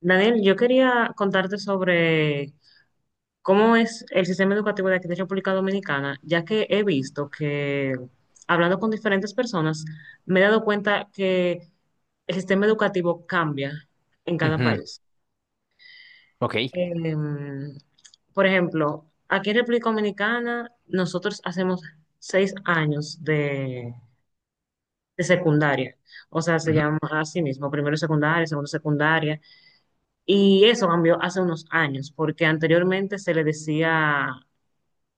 Daniel, yo quería contarte sobre cómo es el sistema educativo de aquí de República Dominicana, ya que he visto que, hablando con diferentes personas, me he dado cuenta que el sistema educativo cambia en cada Ujú, país. ok, Em, por ejemplo, aquí en República Dominicana nosotros hacemos seis años de secundaria, o sea, se ujú, llama así mismo, primero secundaria, segundo secundaria. Y eso cambió hace unos años, porque anteriormente se le decía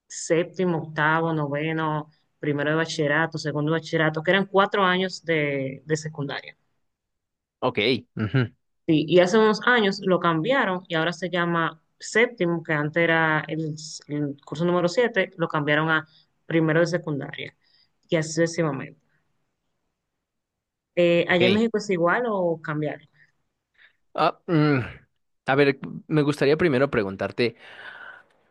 séptimo, octavo, noveno, primero de bachillerato, segundo de bachillerato, que eran cuatro años de secundaria. ok, ujú, Sí, y hace unos años lo cambiaron y ahora se llama séptimo, que antes era el curso número siete, lo cambiaron a primero de secundaria y así sucesivamente. ¿Allá en ok. México es igual o cambiaron? Ah, a ver, me gustaría primero preguntarte,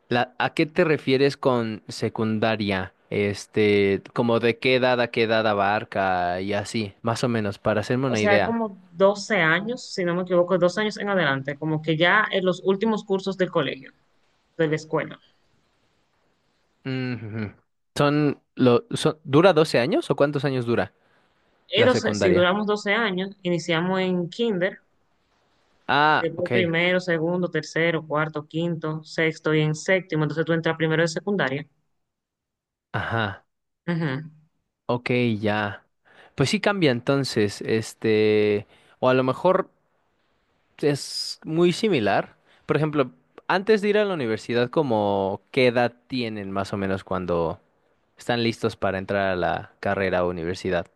¿a qué te refieres con secundaria? Este, ¿como de qué edad a qué edad abarca y así, más o menos, para hacerme O una sea, es idea? como doce años, si no me equivoco, 12 años en adelante, como que ya en los últimos cursos del colegio, de la escuela. Ujú. ¿Dura 12 años o cuántos años dura Y la 12, si secundaria? duramos 12 años, iniciamos en kinder, Ah, después ok, primero, segundo, tercero, cuarto, quinto, sexto y en séptimo, entonces tú entras primero de secundaria. ajá, Ujú. ok, ya. Pues sí cambia entonces, este, o a lo mejor es muy similar. Por ejemplo, antes de ir a la universidad, ¿como qué edad tienen más o menos cuando están listos para entrar a la carrera o universidad?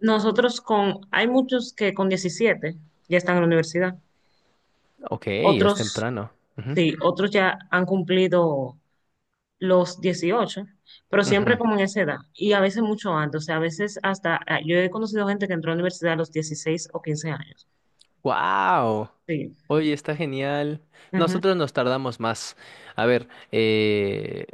Nosotros con, hay muchos que con 17 ya están en la universidad, Ok, es otros, temprano. Ujú, sí, otros ya han cumplido los 18, pero siempre ujú. como en esa edad y a veces mucho antes, o sea, a veces hasta, yo he conocido gente que entró a la universidad a los 16 o 15 años. ¡Wow! Sí. Oye, está genial. Ujú, Nosotros nos tardamos más. A ver, eh,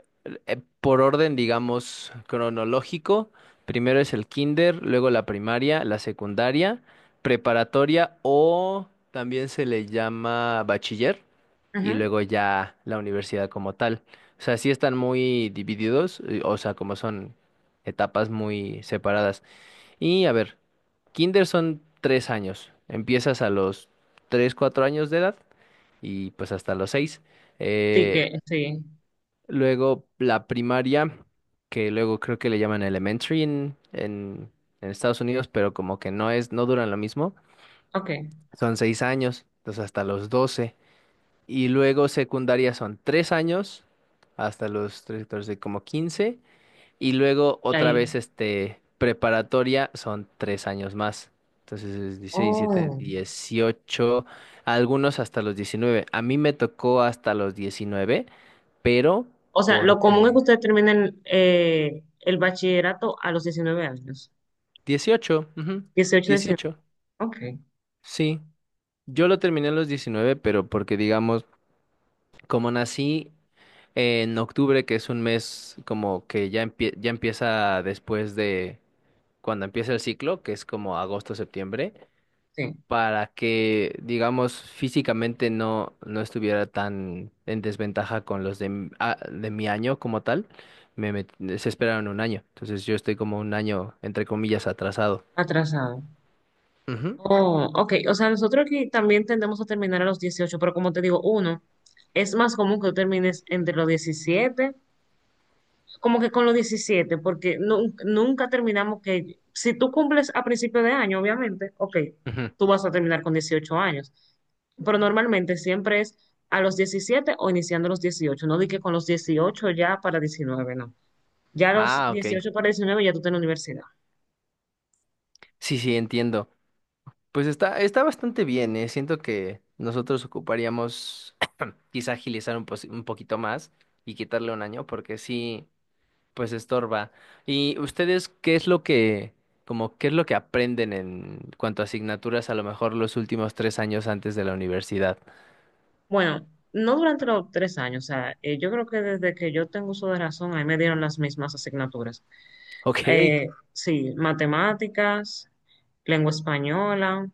por orden, digamos, cronológico, primero es el kinder, luego la primaria, la secundaria, preparatoria o también se le llama bachiller y ujú. luego ya la universidad como tal. O sea, sí están muy divididos, o sea, como son etapas muy separadas. Y a ver, kinder son 3 años. Empiezas a los 3, 4 años de edad y pues hasta los seis. Sí Eh, que, sí. Luego la primaria, que luego creo que le llaman elementary en Estados Unidos, pero como que no es, no duran lo mismo. Ok, Son 6 años, entonces hasta los 12. Y luego secundaria son 3 años, hasta los tres, 14, como 15. Y luego y otra ahí. vez, este, preparatoria son 3 años más. Entonces es 16, 17, Oh. 18, algunos hasta los 19. A mí me tocó hasta los 19, pero O sea, lo común es que porque ustedes terminen el bachillerato a los 19 años. 18, ujú, 18, 19. 18, Ok, sí. Yo lo terminé a los 19, pero porque digamos, como nací en octubre, que es un mes como que ya empieza después de cuando empieza el ciclo, que es como agosto, septiembre. sí, Para que, digamos, físicamente no estuviera tan en desventaja con los de mi año como tal, se esperaron un año. Entonces yo estoy como un año, entre comillas, atrasado. atrasado. Ujú, Oh, ok. O sea, nosotros aquí también tendemos a terminar a los 18, pero como te digo, uno, es más común que tú termines entre los 17, como que con los 17, porque nu- nunca terminamos que, si tú cumples a principio de año, obviamente, ok, ujú. tú vas a terminar con 18 años, pero normalmente siempre es a los 17 o iniciando los 18, no di que con los 18 ya para 19, no. Ya a los Ah, ok. 18 para 19 ya tú estás en la universidad. Sí, sí, entiendo. Pues está bastante bien, ¿eh? Siento que nosotros ocuparíamos quizá agilizar un poquito más y quitarle un año, porque sí. Pues estorba. ¿Y ustedes qué es lo que, como qué es lo que aprenden en cuanto a asignaturas, a lo mejor los últimos 3 años antes de la universidad? Bueno, no durante los tres años, o sea, yo creo que desde que yo tengo uso de razón, ahí me dieron las mismas asignaturas. Ok. Eh, sí, matemáticas, lengua española,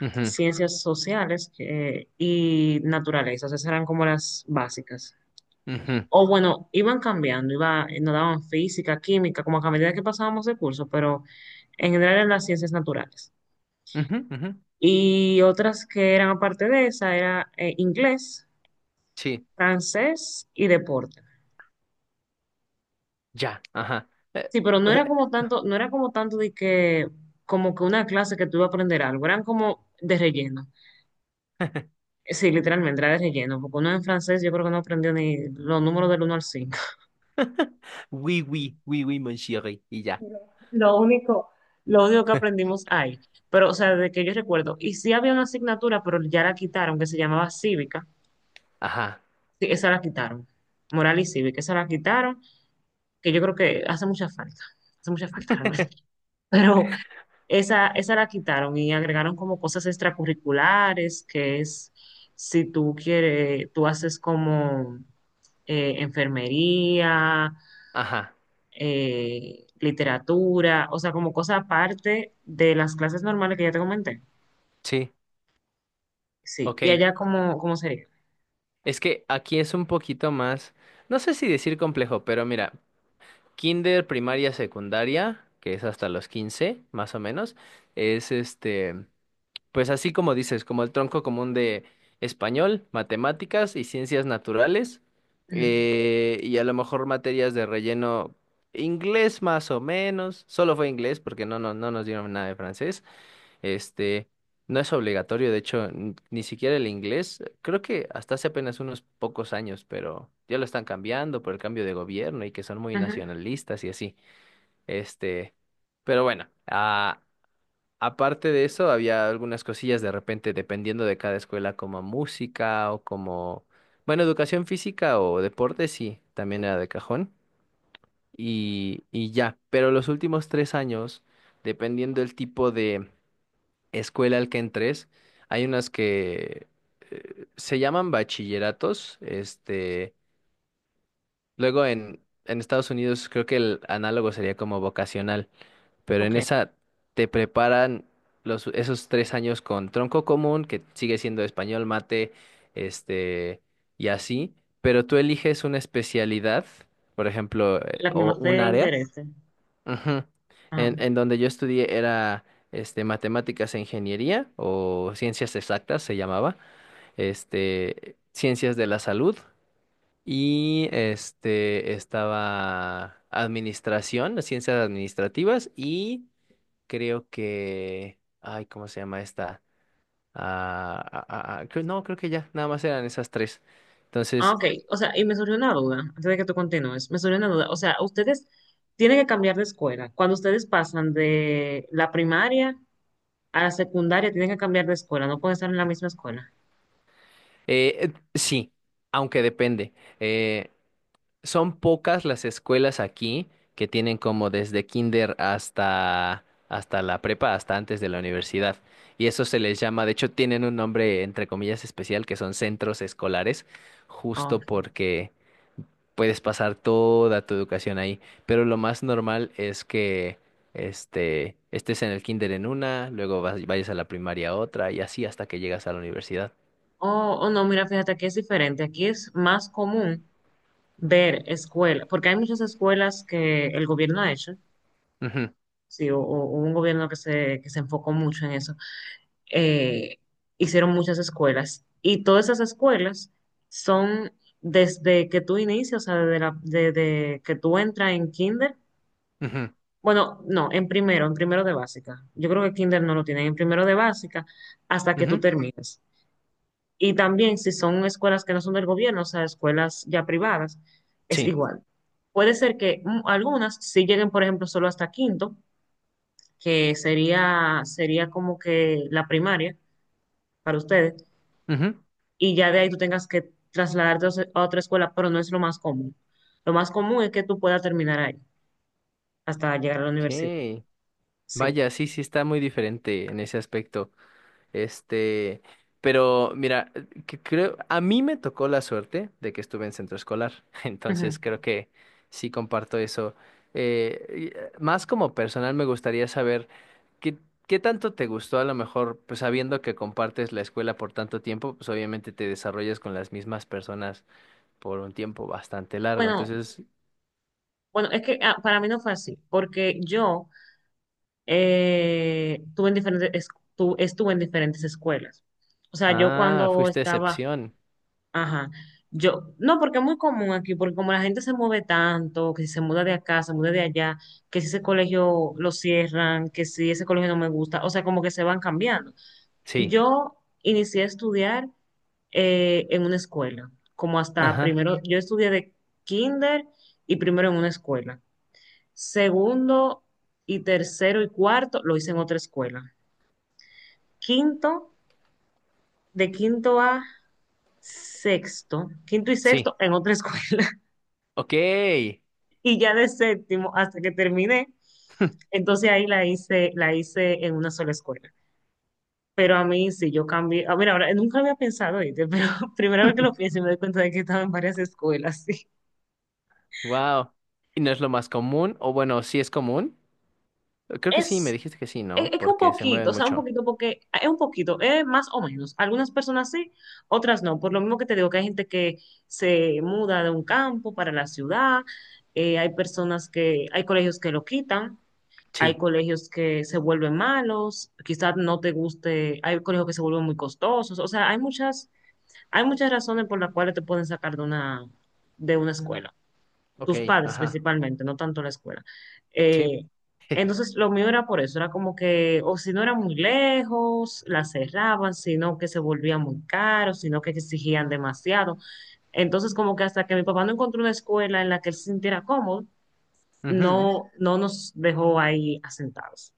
Ujú, ciencias sociales, y naturalezas, esas eran como las básicas. ujú, O bueno, iban cambiando, nos daban física, química, como que a medida que pasábamos el curso, pero en general eran las ciencias naturales. ujú, ujú. Y otras que eran aparte de esa era inglés, Sí, francés y deporte. ya, ajá. Sí, pero no era eh, como tanto, no era como tanto de que, como que una clase que tú ibas a aprender algo, eran como de relleno. Sí, literalmente era de relleno, porque uno en francés yo creo que no aprendió ni los números del uno al 5. Oui, oui, oui, oui, mon chéri, y ya. Lo único, lo único que aprendimos ahí, pero o sea, de que yo recuerdo, y sí había una asignatura, pero ya la quitaron, que se llamaba cívica, Ajá, sí, esa la quitaron, moral y cívica, esa la quitaron, que yo creo que hace mucha falta realmente, pero esa la quitaron y agregaron como cosas extracurriculares, que es si tú quieres, tú haces como enfermería, ajá, literatura, o sea, como cosa aparte de las clases normales que ya te comenté. sí, Sí, ok. y allá cómo sería. Es que aquí es un poquito más, no sé si decir complejo, pero mira, kinder, primaria, secundaria, que es hasta los 15 más o menos, es este. Pues así como dices, como el tronco común de español, matemáticas y ciencias naturales, Ujú. Y a lo mejor materias de relleno, inglés más o menos, solo fue inglés porque no nos dieron nada de francés, este, no es obligatorio, de hecho, ni siquiera el inglés, creo que hasta hace apenas unos pocos años, pero ya lo están cambiando por el cambio de gobierno y que son muy Ujú. nacionalistas y así, este, pero bueno, ah. Aparte de eso, había algunas cosillas de repente, dependiendo de cada escuela, como música o como, bueno, educación física o deporte, sí, también era de cajón. Y ya, pero los últimos 3 años, dependiendo del tipo de escuela al que entres, hay unas que se llaman bachilleratos. Este, luego en Estados Unidos creo que el análogo sería como vocacional, pero en Ok, esa te preparan esos 3 años con tronco común, que sigue siendo español, mate, este, y así, pero tú eliges una especialidad, por ejemplo, la que o más un te área. interese. Ujú. Ajá. En donde yo estudié era este, matemáticas e ingeniería o ciencias exactas se llamaba, este, ciencias de la salud y este, estaba administración, las ciencias administrativas y creo que. Ay, ¿cómo se llama esta? No, creo que ya, nada más eran esas tres. Ah, Entonces, ok, o sea, y me surgió una duda, antes de que tú continúes, me surgió una duda, o sea, ustedes tienen que cambiar de escuela. Cuando ustedes pasan de la primaria a la secundaria, tienen que cambiar de escuela, no pueden estar en la misma escuela. Sí, aunque depende. Eh, Son pocas las escuelas aquí que tienen como desde kinder hasta la prepa, hasta antes de la universidad. Y eso se les llama, de hecho, tienen un nombre entre comillas especial que son centros escolares, Ah, ok. justo porque puedes pasar toda tu educación ahí. Pero lo más normal es que este, estés en el kinder en una, luego vayas a la primaria a otra y así hasta que llegas a la universidad. Oh, oh, no, mira, fíjate, aquí es diferente, aquí es más común ver escuelas, porque hay muchas escuelas que el gobierno ha hecho, Ujú, sí, o hubo un gobierno que se enfocó mucho en eso, eh, hicieron muchas escuelas y todas esas escuelas son desde que tú inicias, o sea, desde, la- desde que tú entras en kinder, ujú, bueno, no, en primero de básica, yo creo que kinder no lo tienen, en primero de básica hasta que tú ujú, terminas. Y también si son escuelas que no son del gobierno, o sea, escuelas ya privadas, es sí. igual. Puede ser que algunas sí lleguen, por ejemplo, solo hasta quinto, que sería, sería como que la primaria para ustedes, Ujú. y ya de ahí tú tengas que trasladarte a os- a otra escuela, pero no es lo más común. Lo más común es que tú puedas terminar ahí hasta llegar a la universidad. Ok. Sí. Vaya, sí, sí está muy diferente en ese aspecto. Este, pero mira, que creo, a mí me tocó la suerte de que estuve en centro escolar. Ujú. Entonces creo que sí comparto eso. Y, más como personal me gustaría saber. ¿Qué, qué tanto te gustó? A lo mejor, pues sabiendo que compartes la escuela por tanto tiempo, pues obviamente te desarrollas con las mismas personas por un tiempo bastante largo. Bueno, Entonces, bueno, es que para mí no fue así, porque yo tuve en diferentes, es- tu- estuve en diferentes escuelas. O sea, yo cuando fuiste estaba, excepción. ajá, yo, no, porque es muy común aquí, porque como la gente se mueve tanto, que si se muda de acá, se muda de allá, que si ese colegio lo cierran, que si ese colegio no me gusta, o sea, como que se van cambiando. Sí, Yo inicié a estudiar en una escuela, como hasta ajá, primero, yo estudié de kinder y primero en una escuela. Segundo y tercero y cuarto lo hice en otra escuela, quinto, de quinto a sexto, quinto y sí. sexto en otra escuela. Ok, Y ya de séptimo hasta que terminé, entonces ahí la hice en una sola escuela. Pero a mí sí, yo cambié. A ver, ahora nunca había pensado, ¿oíste? Pero primera vez que lo pienso y me doy cuenta de que estaba en varias escuelas, sí. wow. ¿Y no es lo más común? O bueno, sí es común. Creo que sí, me Es dijiste que sí, Es, ¿no? es que un Porque se mueven poquito, o sea, un mucho. poquito, porque es un poquito, es más o menos. Algunas personas sí, otras no. Por lo mismo que te digo que hay gente que se muda de un campo para la ciudad, hay personas que, hay colegios que lo quitan, hay Sí, colegios que se vuelven malos, quizás no te guste, hay colegios que se vuelven muy costosos. O sea, hay muchas razones por las cuales te pueden sacar de una escuela, ok, tus padres ajá, principalmente, no tanto la escuela. sí. Eh, entonces, lo mío era por eso, era como que, o si no era muy lejos, la cerraban, sino que se volvía muy caro, sino que exigían demasiado. Entonces, como que hasta que mi papá no encontró una escuela en la que él se sintiera cómodo, Ujú, no, no nos dejó ahí asentados.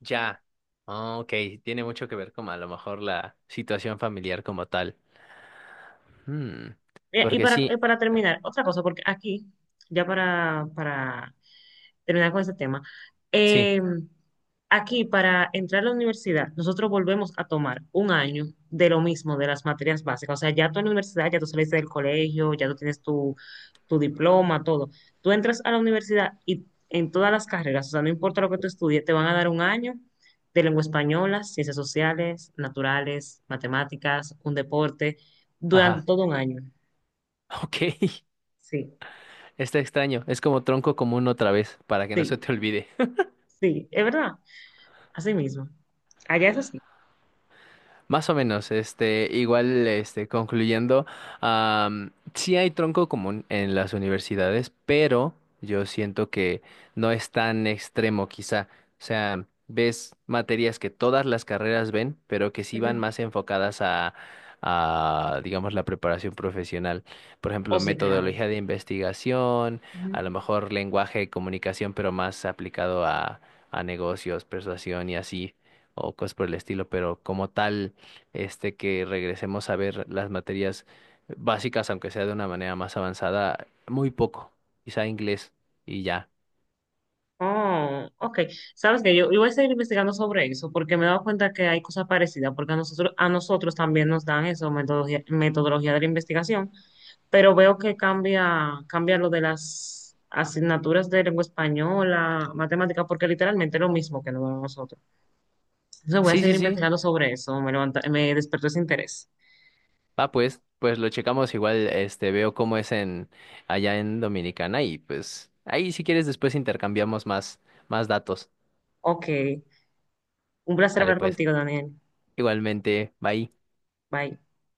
ya. Ah, ok, tiene mucho que ver con a lo mejor la situación familiar como tal. Mm, Y Porque para, y sí, para terminar, otra cosa, porque aquí, ya para terminar con ese tema. sí, Eh, Aquí, para entrar a la universidad, nosotros volvemos a tomar un año de lo mismo, de las materias básicas. O sea, ya tú en la universidad, ya tú saliste del colegio, ya tú tienes tu, tu diploma, todo. Tú entras a la universidad y en todas las carreras, o sea, no importa lo que tú estudies, te van a dar un año de lengua española, ciencias sociales, naturales, matemáticas, un deporte, durante ajá, todo un año. ok, Sí, está extraño, es como tronco común otra vez, para que no se sí, te olvide. sí, es verdad, así mismo. Allá es así. Más o menos, este, igual, este, concluyendo, sí hay tronco común en las universidades, pero yo siento que no es tan extremo, quizá. O sea, ves materias que todas las carreras ven, pero que sí van Ujú. más enfocadas a, digamos, la preparación profesional. Por ejemplo, Oh, sí, claro. metodología de investigación, Ujú. a lo mejor lenguaje y comunicación, pero más aplicado a negocios, persuasión y así, o cosas por el estilo, pero como tal este, que regresemos a ver las materias básicas, aunque sea de una manera más avanzada, muy poco, quizá inglés y ya. Oh, ok. Sabes que yo voy a seguir investigando sobre eso porque me he dado cuenta que hay cosas parecidas, porque a nosotros también nos dan eso, metodología, metodología de la investigación, pero veo que cambia, cambia lo de las asignaturas de lengua española, matemática, porque literalmente es lo mismo que nos dan a nosotros. Entonces voy a Sí, seguir sí, sí. investigando sobre eso, me levanta, me despertó ese interés. Ah, pues lo checamos igual, este, veo cómo es en allá en Dominicana y pues ahí si quieres después intercambiamos más datos. Ok, un placer Vale, hablar pues, contigo, Daniel. igualmente, bye. Bye.